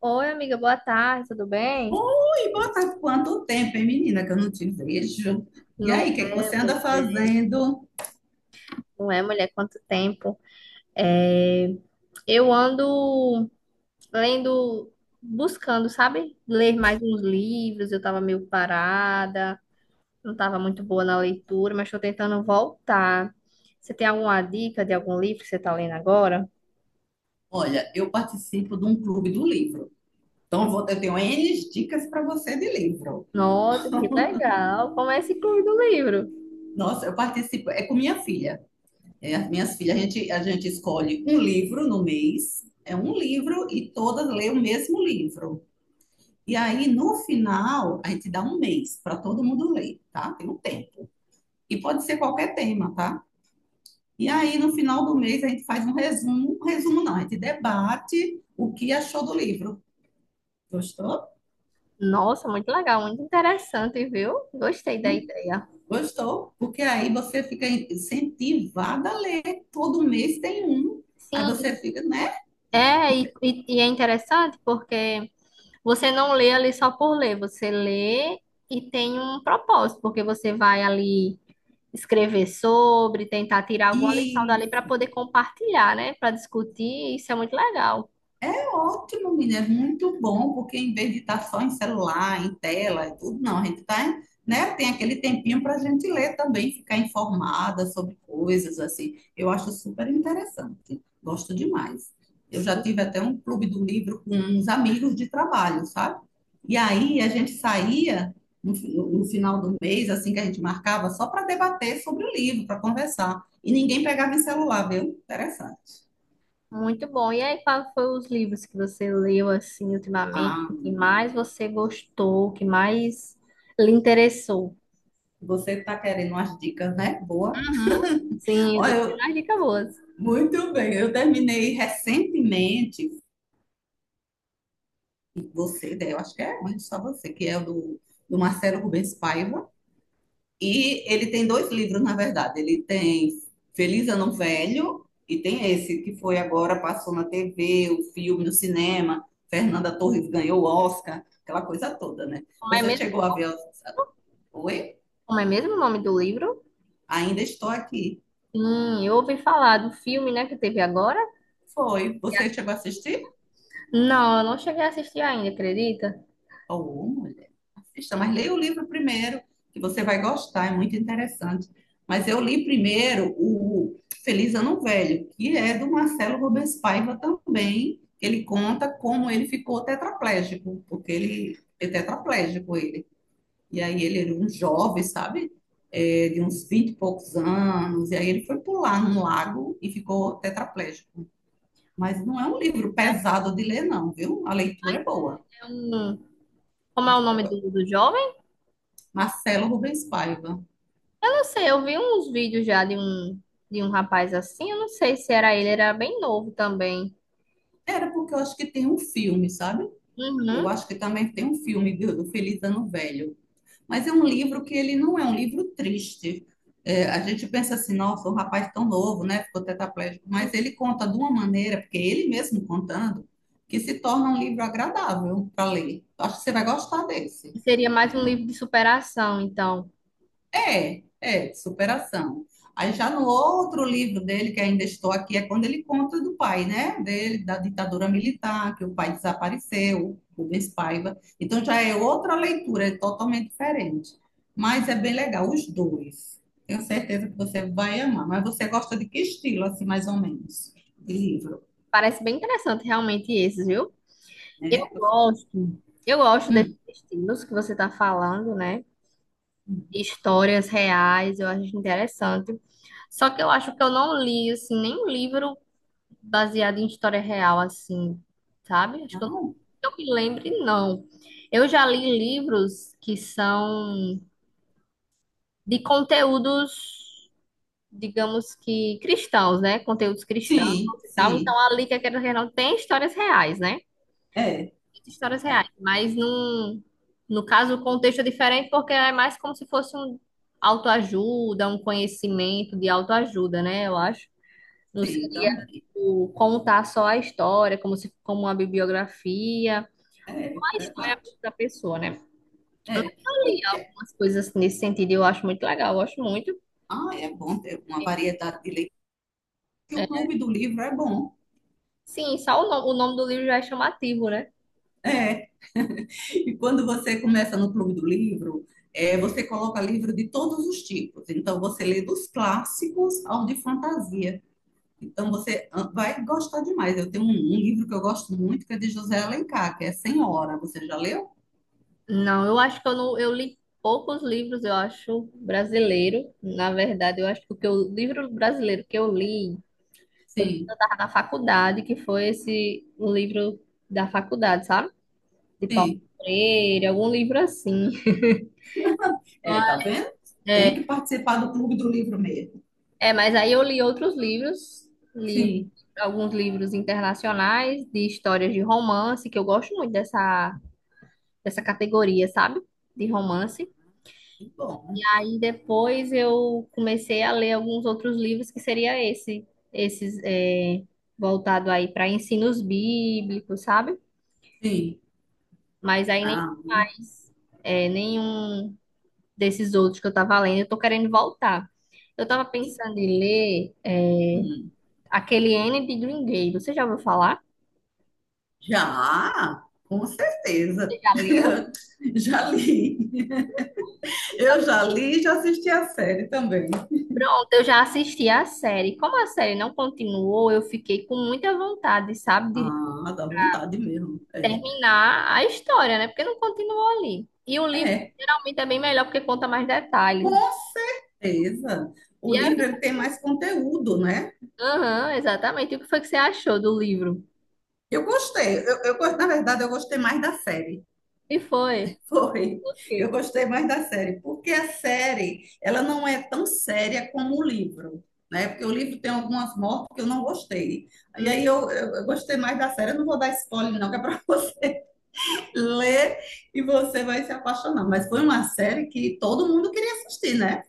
Oi, amiga, boa tarde, tudo bem? Ui, boa tarde. Quanto tempo, hein, menina, que eu não te vejo. E Não aí, o que é que é, você anda fazendo? não é, mulher, quanto tempo? É, eu ando lendo, buscando, sabe? Ler mais uns livros, eu tava meio parada, não tava muito boa na leitura, mas tô tentando voltar. Você tem alguma dica de algum livro que você tá lendo agora? Olha, eu participo de um clube do livro. Então, eu tenho N dicas para você de livro. Nossa, que legal! Comece Clube do Livro. Nossa, eu participo, é com minha filha. É, as minhas filhas, a gente escolhe um livro no mês, é um livro e todas lêem o mesmo livro. E aí, no final, a gente dá um mês para todo mundo ler, tá? Tem um tempo. E pode ser qualquer tema, tá? E aí, no final do mês, a gente faz um resumo. Um resumo não, a gente debate o que achou do livro. Gostou? Nossa, muito legal, muito interessante, viu? Gostei da Não ideia. gostou? Porque aí você fica incentivada a ler. Todo mês tem um. Aí Sim, você fica, né? é, e é interessante porque. Você não lê ali só por ler, você lê e tem um propósito, porque você vai ali escrever sobre, tentar tirar alguma lição E dali para poder compartilhar, né? Para discutir, isso é muito legal. Ótimo, menina, é muito bom, porque em vez de estar só em celular, em tela e tudo, não, a gente tá, né, tem aquele tempinho para a gente ler também, ficar informada sobre coisas assim. Eu acho super interessante, gosto demais. Eu já Sim, tive até um clube do livro com uns amigos de trabalho, sabe? E aí a gente saía no final do mês, assim que a gente marcava, só para debater sobre o livro, para conversar. E ninguém pegava em celular, viu? Interessante. muito bom. E aí, quais foram os livros que você leu assim ultimamente? Ah, O que mais você gostou? O que mais lhe interessou? você está querendo umas dicas, né? Boa. Uhum. Sim, eu Olha, tô tendo eu- umas dicas boas. Muito bem. Eu terminei recentemente, você, né, eu acho que é onde só você, que é do Marcelo Rubens Paiva. E ele tem dois livros, na verdade. Ele tem Feliz Ano Velho e tem esse que foi agora, passou na TV, o filme, no cinema. Fernanda Torres ganhou o Oscar, aquela coisa toda, né? Como é Você mesmo, chegou a ver? Oi? como é mesmo o nome do livro? Ainda estou aqui. Sim, eu ouvi falar do filme, né, que teve agora. Foi. Você chegou a assistir? Não, eu não cheguei a assistir ainda, acredita? Ou, mulher, assista, mas leia o livro primeiro, que você vai gostar, é muito interessante. Mas eu li primeiro o Feliz Ano Velho, que é do Marcelo Rubens Paiva também. Ele conta como ele ficou tetraplégico, porque ele é tetraplégico ele. E aí ele era um jovem, sabe? É, de uns 20 e poucos anos, e aí ele foi pular num lago e ficou tetraplégico. Mas não é um livro pesado de ler, não, viu? A leitura é boa. É um... Como é o Você vai nome do jovem? Marcelo Rubens Paiva. Eu não sei, eu vi uns vídeos já de um rapaz assim, eu não sei se era ele, era bem novo também. Era porque eu acho que tem um filme, sabe? Uhum. Eu acho que também tem um filme do Feliz Ano Velho. Mas é um livro que ele não é um livro triste. É, a gente pensa assim, nossa, um rapaz tão novo, né? Ficou tetraplégico. E Mas ele conta de uma maneira, porque ele mesmo contando, que se torna um livro agradável para ler. Eu acho que você vai gostar desse. seria mais um livro de superação, então. É, de superação. Aí já no outro livro dele, que ainda estou aqui, é quando ele conta do pai, né? Dele, da ditadura militar, que o pai desapareceu, Rubens Paiva. Então já é outra leitura, é totalmente diferente. Mas é bem legal, os dois. Tenho certeza que você vai amar. Mas você gosta de que estilo, assim, mais ou menos, de livro? Parece bem interessante realmente esses, viu? É, Eu gostou? gosto, eu gosto desses Hum, estilos que você está falando, né? Histórias reais, eu acho interessante. Só que eu acho que eu não li, assim, nenhum livro baseado em história real, assim, sabe? Acho que não? eu me lembre, não. Eu já li livros que são de conteúdos, digamos que cristãos, né? Conteúdos cristãos Sim, e tal. Então, sim. ali que a Quero tem histórias reais, né? É, Histórias reais, mas num, no caso o contexto é diferente porque é mais como se fosse um autoajuda, um conhecimento de autoajuda, né? Eu acho. Não sim, seria, também. tipo, contar só a história, como se como uma bibliografia, É, uma história verdade. da pessoa, né? É. Eu li algumas coisas nesse sentido, e eu acho muito legal, eu gosto muito. Ah, é bom ter uma variedade de leitura, porque o É, clube do livro é bom. sim, só o, no- o nome do livro já é chamativo, né? É. E quando você começa no clube do livro, é, você coloca livro de todos os tipos. Então, você lê dos clássicos ao de fantasia. Então, você ah, vai gostar demais. Eu tenho um livro que eu gosto muito, que é de José Alencar, que é Senhora. Você já leu? Não, eu acho que eu não, eu li poucos livros, eu acho, brasileiro. Na verdade, eu acho que o livro brasileiro que eu li foi quando eu Sim, estava na faculdade, que foi esse o livro da faculdade, sabe? De Paulo sim. Freire, algum livro assim. É, tá vendo? Tem É, que participar do clube do livro mesmo. é, mas aí eu li outros livros, li Sim. alguns livros internacionais de histórias de romance, que eu gosto muito dessa categoria, sabe? De romance. Que bom. Aí depois eu comecei a ler alguns outros livros que seria esses voltado aí para ensinos bíblicos, sabe? Sim. Mas aí nem Ah, mais nenhum desses outros que eu tava lendo, eu tô querendo voltar. Eu tava pensando em ler hum. aquele N de Green Day. Você já ouviu falar? Já, com Você certeza. já leu? Já li. Eu já li e já assisti a série também. Pronto, eu já assisti a série. Como a série não continuou, eu fiquei com muita vontade, sabe, de Ah, dá vontade mesmo. É, terminar a história, né? Porque não continuou ali. E o livro é, geralmente é bem melhor porque conta mais detalhes. com certeza. O E aí, livro eu- ele tem mais conteúdo, né? aham, exatamente. E o que foi que você achou do livro? Eu gostei. Na verdade, eu gostei mais da série. E foi? Foi. O Eu quê? gostei mais da série, porque a série, ela não é tão séria como o livro, né? Porque o livro tem algumas mortes que eu não gostei. E Hum. aí eu gostei mais da série. Eu não vou dar spoiler, não, que é para você ler e você vai se apaixonar. Mas foi uma série que todo mundo queria assistir, né?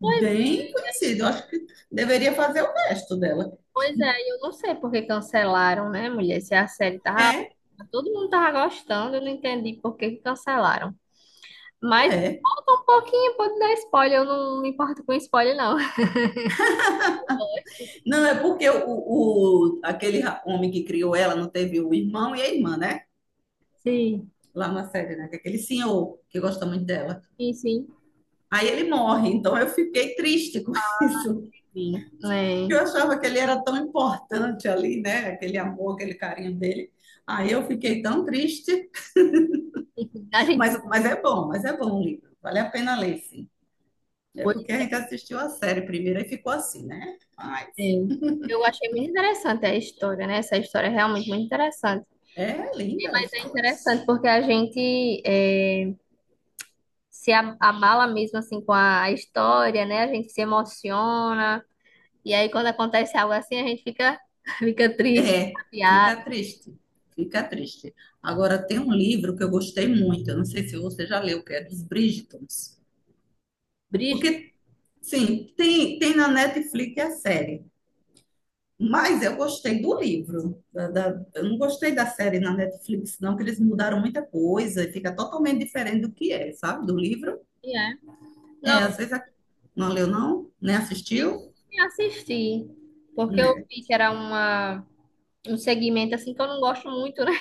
Pois, conhecida. Eu acho que deveria fazer o resto dela. pois é, eu não sei por que cancelaram, né, mulher? Se a série tava. É, Todo mundo tava gostando, eu não entendi por que que cancelaram. Mas é. falta um pouquinho, pode dar spoiler. Eu não me importo com spoiler, não. Eu gosto. Não, é porque aquele homem que criou ela não teve o irmão e a irmã, né? Sim, Lá na série, né? Que é aquele senhor que gosta muito dela. Sim. Aí ele morre, então eu fiquei triste com isso. Sim. É. Eu achava que ele era tão importante ali, né? Aquele amor, aquele carinho dele. Aí eu fiquei tão triste, Enfim, a gente mas, mas é bom o livro. Vale a pena ler, sim. É foi. porque a Né? gente assistiu a série primeiro e ficou assim, né? É. Mas Eu achei muito interessante a história, né? Essa história é realmente muito interessante. é linda a Mas é história. interessante porque a gente é, se a- abala mesmo assim com a história, né? A gente se emociona. E aí quando acontece algo assim, a gente fica, fica triste, É, fica chateado. triste, fica triste. Agora tem um livro que eu gostei muito, eu não sei se você já leu, que é dos Bridgetons. Brígido, Porque Sim, tem, tem na Netflix a série, mas eu gostei do livro. Eu não gostei da série na Netflix, não, que eles mudaram muita coisa e fica totalmente diferente do que é, sabe? Do livro. né? É, às vezes não leu, não, nem assistiu, Nem assisti, porque eu né? vi que era uma, um segmento assim que eu não gosto muito, né?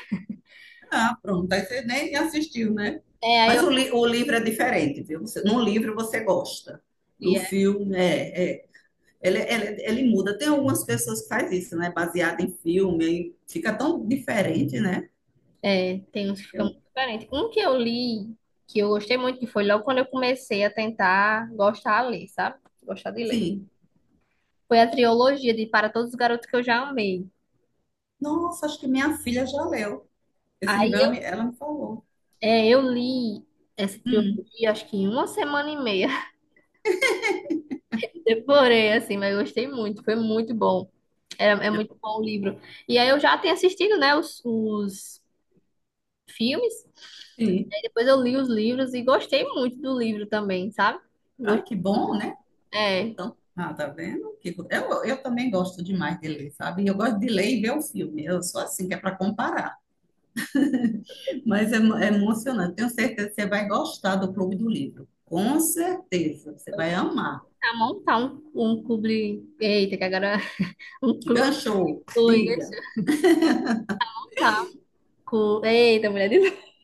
Ah, pronto, aí você nem assistiu, né? É, aí Mas eu o livro é diferente, viu? Você, no livro você gosta vi, do é, filme, Ele, ele muda. Tem algumas pessoas que fazem isso, né? Baseado em filme, aí fica tão diferente, né? é, tem uns que ficam Eu, muito diferentes. Um que eu li, que eu gostei muito, que foi logo quando eu comecei a tentar gostar a ler, sabe? Gostar de ler. sim. Foi a trilogia de Para Todos os Garotos que eu já amei. Nossa, acho que minha filha já leu. Esse Aí livro eu, ela me falou. Eu li essa Hum, trilogia, acho que em uma semana e meia. Devorei, assim, mas eu gostei muito, foi muito bom. É, é é, muito bom o livro. E aí eu já tenho assistido, né, os filmes. sim. Aí depois eu li os livros e gostei muito do livro também, sabe? Ai, que Gostei muito. bom, né? É, Então, ah, tá vendo? Eu também gosto demais de ler, sabe? Eu gosto de ler e ver o filme. Eu sou assim, que é para comparar. Mas é emocionante. Tenho certeza que você vai gostar do Clube do Livro. Com certeza. Você vou vai amar. tentar montar um clube. Eita, que agora. Um clube. Ganchou, diga. Deixa eu montar um clube. Eita, mulher de novo.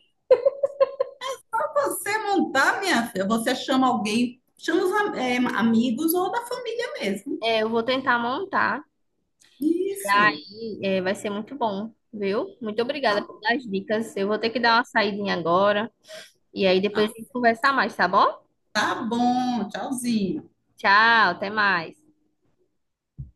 Você montar, minha filha, você chama alguém, chama os amigos ou da família mesmo. É, eu vou tentar montar. Isso. E, é, vai ser muito bom, viu? Muito Tá obrigada bom. pelas dicas. Eu vou ter que dar uma saidinha agora. E aí depois Ah. a gente conversa mais, tá bom? Tá bom, tchauzinho. Tchau, até mais.